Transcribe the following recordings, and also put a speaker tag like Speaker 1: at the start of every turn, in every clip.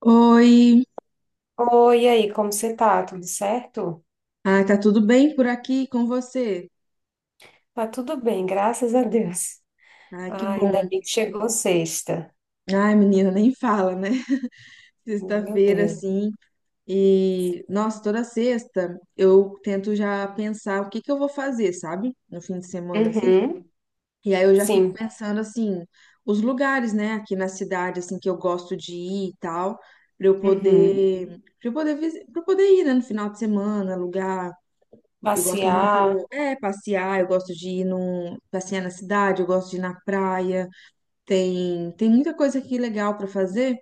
Speaker 1: Oi,
Speaker 2: Oi, e aí, como você tá? Tudo certo?
Speaker 1: tá tudo bem por aqui com você?
Speaker 2: Tá tudo bem, graças a Deus.
Speaker 1: Ah, que
Speaker 2: Ah, ainda
Speaker 1: bom.
Speaker 2: bem que chegou sexta.
Speaker 1: Ai, menina, nem fala, né?
Speaker 2: Meu
Speaker 1: Sexta-feira,
Speaker 2: Deus.
Speaker 1: assim, e nossa, toda sexta eu tento já pensar o que que eu vou fazer, sabe? No fim de semana, assim.
Speaker 2: Uhum,
Speaker 1: E aí eu já fico
Speaker 2: sim.
Speaker 1: pensando, assim, os lugares, né, aqui na cidade, assim, que eu gosto de ir e tal,
Speaker 2: Uhum.
Speaker 1: pra eu poder ir, né, no final de semana, alugar. Eu gosto
Speaker 2: Passear.
Speaker 1: muito, é, passear, eu gosto de ir passear na cidade, eu gosto de ir na praia. Tem muita coisa aqui legal para fazer.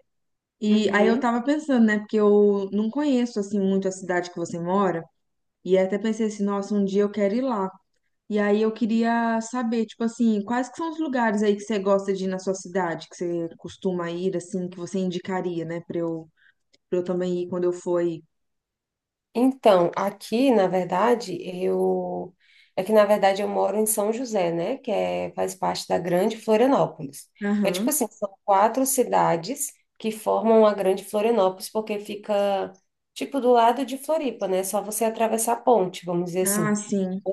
Speaker 1: E aí eu
Speaker 2: Uhum.
Speaker 1: tava pensando, né, porque eu não conheço assim muito a cidade que você mora, e até pensei assim, nossa, um dia eu quero ir lá. E aí eu queria saber, tipo assim, quais que são os lugares aí que você gosta de ir na sua cidade, que você costuma ir assim, que você indicaria, né, para eu também ir quando eu for aí.
Speaker 2: Então, aqui, na verdade, eu é que na verdade eu moro em São José, né, que é faz parte da Grande Florianópolis. É tipo
Speaker 1: Aham.
Speaker 2: assim, são quatro cidades que formam a Grande Florianópolis porque fica tipo do lado de Floripa, né? Só você atravessar a ponte, vamos dizer
Speaker 1: Ah,
Speaker 2: assim.
Speaker 1: sim.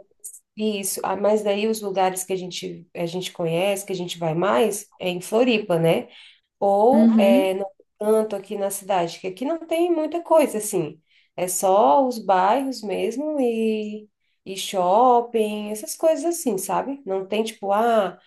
Speaker 2: Isso, ah, mas daí os lugares que a gente conhece, que a gente vai mais, é em Floripa, né? Ou
Speaker 1: Uhum.
Speaker 2: é, no canto aqui na cidade, que aqui não tem muita coisa assim, é só os bairros mesmo e shopping, essas coisas assim, sabe? Não tem tipo, ah,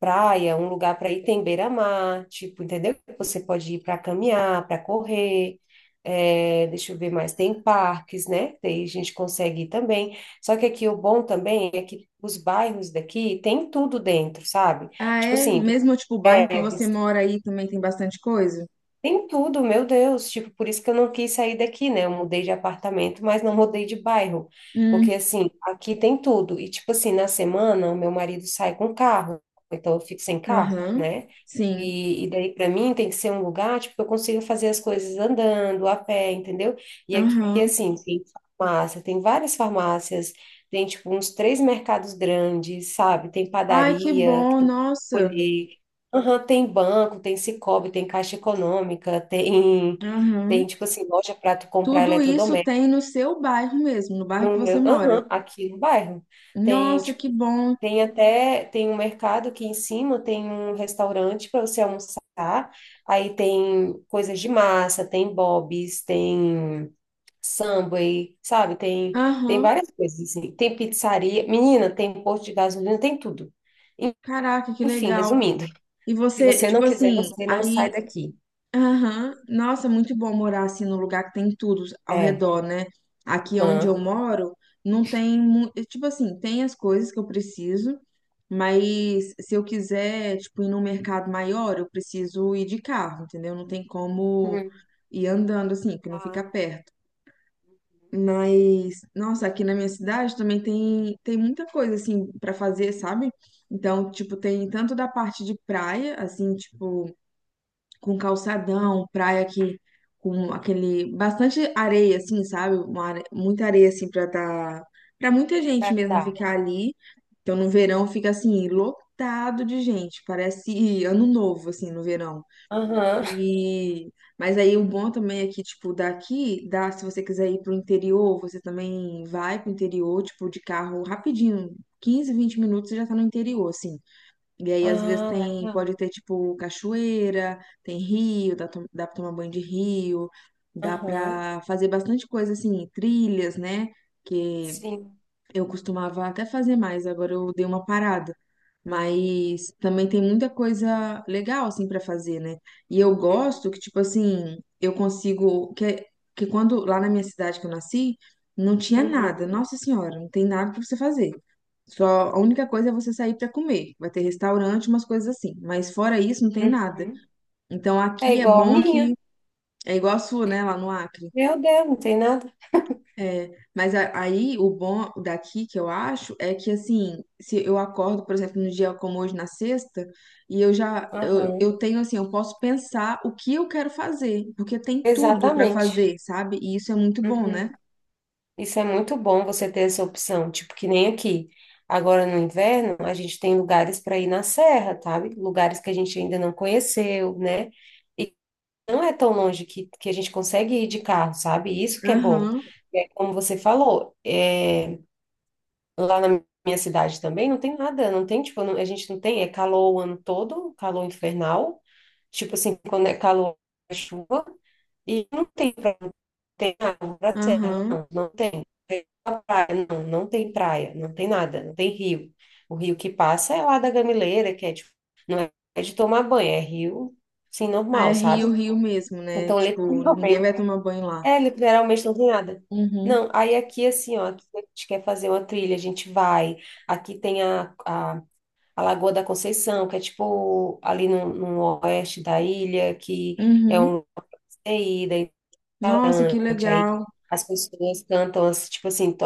Speaker 2: praia, um lugar para ir tem beira-mar, tipo, entendeu? Você pode ir para caminhar, para correr. É, deixa eu ver mais, tem parques, né? Daí a gente consegue ir também. Só que aqui o bom também é que os bairros daqui tem tudo dentro, sabe?
Speaker 1: Ah,
Speaker 2: Tipo
Speaker 1: é?
Speaker 2: assim,
Speaker 1: Mesmo, tipo, o bairro que você mora aí também tem bastante coisa?
Speaker 2: tem tudo, meu Deus. Tipo, por isso que eu não quis sair daqui, né? Eu mudei de apartamento, mas não mudei de bairro. Porque,
Speaker 1: Hum,
Speaker 2: assim, aqui tem tudo. E, tipo assim, na semana, o meu marido sai com carro. Então, eu fico sem carro,
Speaker 1: aham,
Speaker 2: né?
Speaker 1: sim,
Speaker 2: E daí, para mim, tem que ser um lugar, tipo, que eu consiga fazer as coisas andando, a pé, entendeu? E aqui,
Speaker 1: aham.
Speaker 2: assim, tem farmácia, tem várias farmácias, tem, tipo, uns três mercados grandes, sabe? Tem
Speaker 1: Ai, que
Speaker 2: padaria que
Speaker 1: bom,
Speaker 2: tu pode
Speaker 1: nossa,
Speaker 2: escolher. Aham, tem banco, tem Sicoob, tem Caixa Econômica, tem,
Speaker 1: aham.
Speaker 2: tem tipo assim, loja para tu comprar
Speaker 1: Tudo isso
Speaker 2: eletrodoméstico.
Speaker 1: tem no seu bairro mesmo, no bairro que
Speaker 2: No
Speaker 1: você
Speaker 2: meu,
Speaker 1: mora.
Speaker 2: aham, aqui no bairro. Tem,
Speaker 1: Nossa, que
Speaker 2: tipo,
Speaker 1: bom,
Speaker 2: tem até, tem um mercado aqui em cima, tem um restaurante para você almoçar. Aí tem coisas de massa, tem Bob's, tem Subway, sabe? Tem, tem
Speaker 1: aham.
Speaker 2: várias coisas assim. Tem pizzaria, menina, tem posto de gasolina, tem tudo.
Speaker 1: Caraca, que
Speaker 2: Enfim,
Speaker 1: legal.
Speaker 2: resumindo,
Speaker 1: E
Speaker 2: se
Speaker 1: você,
Speaker 2: você não
Speaker 1: tipo
Speaker 2: quiser,
Speaker 1: assim,
Speaker 2: você não sai
Speaker 1: aí.
Speaker 2: daqui.
Speaker 1: Aham. Nossa, muito bom morar assim num lugar que tem tudo ao
Speaker 2: É.
Speaker 1: redor, né? Aqui onde eu
Speaker 2: Aham.
Speaker 1: moro, não tem, tipo assim, tem as coisas que eu preciso, mas se eu quiser, tipo, ir num mercado maior, eu preciso ir de carro, entendeu? Não tem como
Speaker 2: Hum.
Speaker 1: ir andando assim, que não
Speaker 2: Ah,
Speaker 1: fica perto.
Speaker 2: uhum.
Speaker 1: Mas, nossa, aqui na minha cidade também tem, tem muita coisa assim para fazer, sabe? Então, tipo, tem tanto da parte de praia, assim, tipo, com calçadão, praia que com aquele bastante areia assim, sabe? Muita areia assim para muita
Speaker 2: Pra
Speaker 1: gente mesmo
Speaker 2: andar.
Speaker 1: ficar ali. Então no verão fica assim lotado de gente, parece ano novo assim no verão.
Speaker 2: Aham.
Speaker 1: E mas aí o bom também é que tipo daqui, dá se você quiser ir pro interior, você também vai pro interior, tipo de carro rapidinho, 15, 20 minutos você já tá no interior assim. E aí, às vezes,
Speaker 2: Ah,
Speaker 1: tem, pode
Speaker 2: legal.
Speaker 1: ter, tipo, cachoeira, tem rio, dá pra tomar banho de rio, dá
Speaker 2: Aham.
Speaker 1: pra fazer bastante coisa, assim, trilhas, né? Que
Speaker 2: Sim.
Speaker 1: eu costumava até fazer mais, agora eu dei uma parada. Mas também tem muita coisa legal assim para fazer, né? E eu
Speaker 2: Uhum.
Speaker 1: gosto que tipo assim, eu consigo que quando lá na minha cidade que eu nasci, não tinha nada.
Speaker 2: Uhum.
Speaker 1: Nossa Senhora, não tem nada para você fazer. Só a única coisa é você sair para comer. Vai ter restaurante, umas coisas assim, mas fora isso não tem nada.
Speaker 2: Uhum.
Speaker 1: Então
Speaker 2: É
Speaker 1: aqui é
Speaker 2: igual a
Speaker 1: bom que
Speaker 2: minha.
Speaker 1: é igual a sua, né, lá no Acre.
Speaker 2: Meu Deus, não tem nada.
Speaker 1: É, mas aí o bom daqui que eu acho é que assim, se eu acordo, por exemplo, num dia como hoje na sexta, e eu já
Speaker 2: Aham.
Speaker 1: eu tenho assim, eu posso pensar o que eu quero fazer, porque tem tudo pra
Speaker 2: Exatamente.
Speaker 1: fazer, sabe? E isso é muito bom,
Speaker 2: Uhum.
Speaker 1: né?
Speaker 2: Isso é muito bom você ter essa opção, tipo que nem aqui. Agora no inverno, a gente tem lugares para ir na serra, sabe? Lugares que a gente ainda não conheceu, né? Não é tão longe que a gente consegue ir de carro, sabe? Isso que é bom.
Speaker 1: Aham,
Speaker 2: E aí, como você falou, é, lá na minha cidade também não tem nada, não tem, tipo, a gente não tem, é calor o ano todo, calor infernal, tipo assim, quando é calor, é chuva, e não tem pra, não tem água pra serra,
Speaker 1: aham.
Speaker 2: não, não tem. Tem pra praia, não, não tem praia, não tem nada, não tem rio. O rio que passa é lá da Gamileira, que é, tipo, não é de tomar banho, é rio, sim
Speaker 1: Ah, é
Speaker 2: normal, sabe?
Speaker 1: Rio, Rio mesmo, né?
Speaker 2: Então,
Speaker 1: Tipo, ninguém
Speaker 2: literalmente,
Speaker 1: vai tomar banho lá.
Speaker 2: é, literalmente não tem nada.
Speaker 1: Uhum,
Speaker 2: Não, aí aqui assim, ó, aqui a gente quer fazer uma trilha, a gente vai. Aqui tem a, Lagoa da Conceição, que é tipo ali no oeste da ilha, que é um
Speaker 1: uhum.
Speaker 2: lugar de ida,
Speaker 1: Nossa, que
Speaker 2: aí
Speaker 1: legal.
Speaker 2: as pessoas cantam, assim, tipo assim,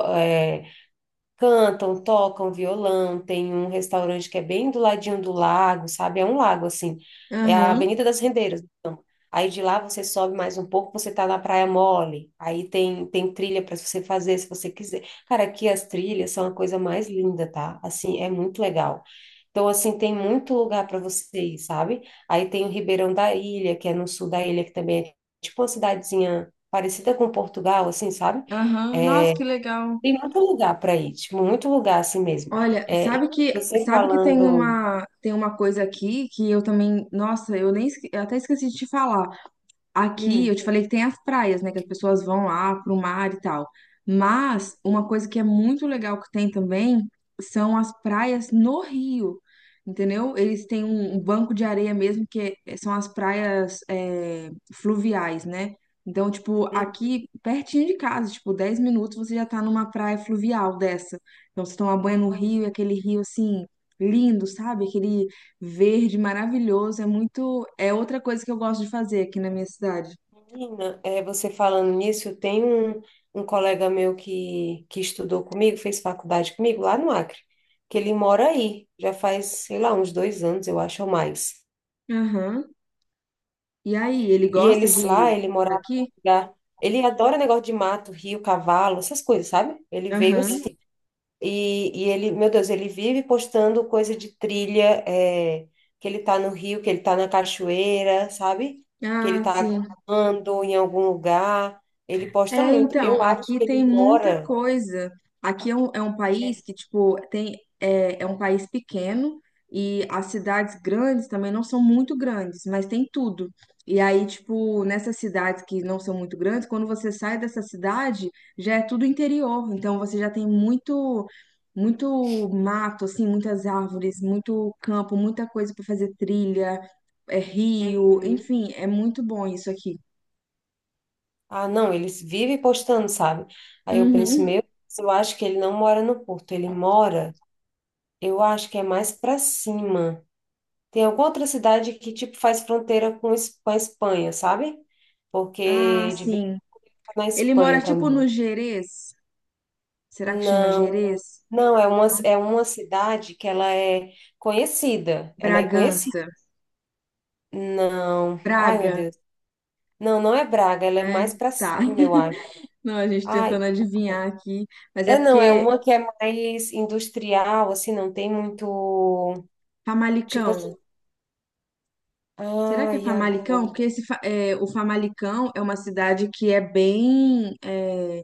Speaker 2: cantam, tocam violão, tem um restaurante que é bem do ladinho do lago, sabe? É um lago, assim. É a
Speaker 1: Aham,
Speaker 2: Avenida das Rendeiras. Então. Aí de lá você sobe mais um pouco, você tá na Praia Mole. Aí tem, tem trilha para você fazer se você quiser. Cara, aqui as trilhas são a coisa mais linda, tá? Assim, é muito legal. Então, assim, tem muito lugar para você ir, sabe? Aí tem o Ribeirão da Ilha, que é no sul da ilha, que também é tipo uma cidadezinha parecida com Portugal, assim, sabe?
Speaker 1: aham.
Speaker 2: É,
Speaker 1: Nossa, que legal.
Speaker 2: tem muito lugar para ir, tipo, muito lugar assim mesmo.
Speaker 1: Olha,
Speaker 2: É, e você
Speaker 1: sabe que
Speaker 2: falando.
Speaker 1: tem uma coisa aqui que eu também, nossa, eu nem esque- eu até esqueci de te falar. Aqui
Speaker 2: Hum,
Speaker 1: eu te falei que tem as praias, né? Que as pessoas vão lá pro mar e tal. Mas uma coisa que é muito legal que tem também são as praias no Rio, entendeu? Eles têm um banco de areia mesmo, são as praias fluviais, né? Então, tipo,
Speaker 2: hum,
Speaker 1: aqui pertinho de casa, tipo, 10 minutos você já tá numa praia fluvial dessa. Então, você toma banho no rio, e
Speaker 2: ah,
Speaker 1: aquele rio assim, lindo, sabe? Aquele verde, maravilhoso, é muito, é outra coisa que eu gosto de fazer aqui na minha cidade.
Speaker 2: menina, é, você falando nisso, tem um colega meu que estudou comigo, fez faculdade comigo lá no Acre, que ele mora aí, já faz, sei lá, uns 2 anos, eu acho, ou mais.
Speaker 1: Aham. E aí, ele
Speaker 2: E
Speaker 1: gosta
Speaker 2: eles lá,
Speaker 1: de
Speaker 2: ele morava num
Speaker 1: aqui?
Speaker 2: lugar- ele adora negócio de mato, rio, cavalo, essas coisas, sabe? Ele veio
Speaker 1: Aham.
Speaker 2: assim. E ele, meu Deus, ele vive postando coisa de trilha, é, que ele tá no rio, que ele tá na cachoeira, sabe? Que ele
Speaker 1: Ah,
Speaker 2: tá
Speaker 1: sim.
Speaker 2: andando em algum lugar. Ele posta
Speaker 1: É,
Speaker 2: muito.
Speaker 1: então,
Speaker 2: Eu acho
Speaker 1: aqui
Speaker 2: que ele
Speaker 1: tem muita
Speaker 2: mora.
Speaker 1: coisa. Aqui é um país
Speaker 2: É,
Speaker 1: que, tipo, é um país pequeno e as cidades grandes também não são muito grandes, mas tem tudo. E aí, tipo, nessas cidades que não são muito grandes, quando você sai dessa cidade, já é tudo interior. Então, você já tem muito, muito mato, assim, muitas árvores, muito campo, muita coisa para fazer trilha, é rio,
Speaker 2: uhum.
Speaker 1: enfim, é muito bom isso aqui.
Speaker 2: Ah, não, ele vive postando, sabe? Aí eu penso,
Speaker 1: Uhum.
Speaker 2: meu, eu acho que ele não mora no Porto, ele mora, eu acho que é mais pra cima. Tem alguma outra cidade que, tipo, faz fronteira com com a Espanha, sabe?
Speaker 1: Ah,
Speaker 2: Porque de vez em
Speaker 1: sim.
Speaker 2: quando tá na
Speaker 1: Ele
Speaker 2: Espanha
Speaker 1: mora tipo no
Speaker 2: também.
Speaker 1: Gerês. Será que chama
Speaker 2: Não,
Speaker 1: Gerês?
Speaker 2: não, é uma cidade que ela é conhecida. Ela é conhecida.
Speaker 1: Bragança,
Speaker 2: Não. Ai, meu
Speaker 1: Braga,
Speaker 2: Deus. Não, não é Braga, ela é
Speaker 1: né?
Speaker 2: mais para
Speaker 1: Tá.
Speaker 2: cima, eu acho.
Speaker 1: Não, a gente
Speaker 2: Ai,
Speaker 1: tentando adivinhar aqui, mas é
Speaker 2: é não, é
Speaker 1: porque
Speaker 2: uma que é mais industrial, assim, não tem muito, tipo
Speaker 1: Famalicão.
Speaker 2: assim,
Speaker 1: Será que é
Speaker 2: ai,
Speaker 1: Famalicão?
Speaker 2: agora.
Speaker 1: Porque esse, é, o Famalicão é uma cidade que é bem, é,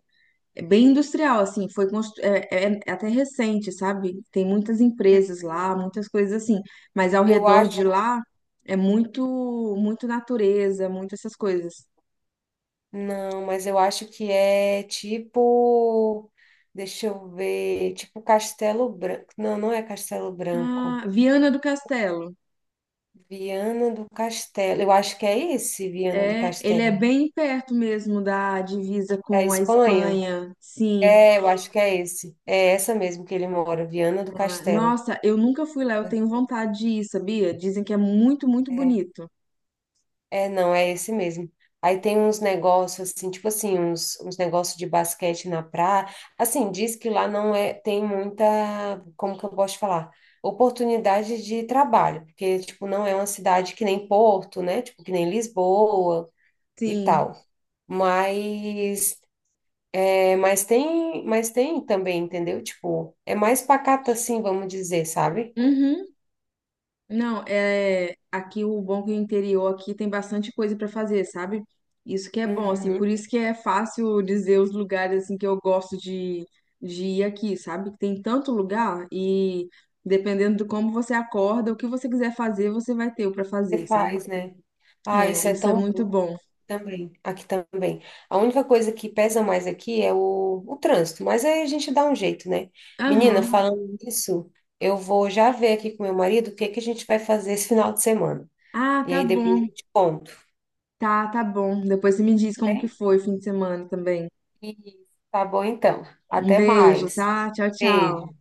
Speaker 1: é bem industrial, assim, é até recente, sabe? Tem muitas empresas lá, muitas coisas assim, mas ao
Speaker 2: Eu
Speaker 1: redor
Speaker 2: acho.
Speaker 1: de lá é muito, muito natureza, muito essas coisas.
Speaker 2: Não, mas eu acho que é tipo. Deixa eu ver. Tipo Castelo Branco. Não, não é Castelo Branco.
Speaker 1: Ah, Viana do Castelo.
Speaker 2: Viana do Castelo. Eu acho que é esse, Viana do
Speaker 1: É, ele é
Speaker 2: Castelo.
Speaker 1: bem perto mesmo da divisa
Speaker 2: Da
Speaker 1: com a
Speaker 2: Espanha?
Speaker 1: Espanha. Sim.
Speaker 2: É, eu acho que é esse. É essa mesmo que ele mora, Viana do
Speaker 1: Ah,
Speaker 2: Castelo.
Speaker 1: nossa, eu nunca fui lá, eu tenho vontade de ir, sabia? Dizem que é muito, muito
Speaker 2: É.
Speaker 1: bonito.
Speaker 2: É, não, é esse mesmo. Aí tem uns negócios assim, tipo assim, uns negócios de basquete na praia. Assim, diz que lá não é, tem muita, como que eu posso te falar? Oportunidade de trabalho, porque, tipo, não é uma cidade que nem Porto, né? Tipo, que nem Lisboa e tal.
Speaker 1: Sim.
Speaker 2: Mas, é, mas tem também, entendeu? Tipo, é mais pacato assim, vamos dizer, sabe?
Speaker 1: Uhum. Não, é aqui o bom é que o interior aqui tem bastante coisa para fazer, sabe? Isso que é bom, assim,
Speaker 2: Uhum.
Speaker 1: por isso que é fácil dizer os lugares assim que eu gosto de ir aqui, sabe? Que tem tanto lugar e dependendo de como você acorda, o que você quiser fazer, você vai ter o para
Speaker 2: Você
Speaker 1: fazer, sabe?
Speaker 2: faz, né? Ah,
Speaker 1: É,
Speaker 2: isso é
Speaker 1: isso é
Speaker 2: tão.
Speaker 1: muito bom.
Speaker 2: Também, aqui também. A única coisa que pesa mais aqui é o trânsito, mas aí a gente dá um jeito, né? Menina,
Speaker 1: Aham.
Speaker 2: falando nisso, eu vou já ver aqui com meu marido o que que a gente vai fazer esse final de semana.
Speaker 1: Ah,
Speaker 2: E
Speaker 1: tá
Speaker 2: aí depois
Speaker 1: bom.
Speaker 2: eu te conto,
Speaker 1: Tá, tá bom. Depois você me diz como que
Speaker 2: né?
Speaker 1: foi o fim de semana também.
Speaker 2: E tá bom então.
Speaker 1: Um
Speaker 2: Até
Speaker 1: beijo,
Speaker 2: mais.
Speaker 1: tá? Tchau, tchau.
Speaker 2: Beijo.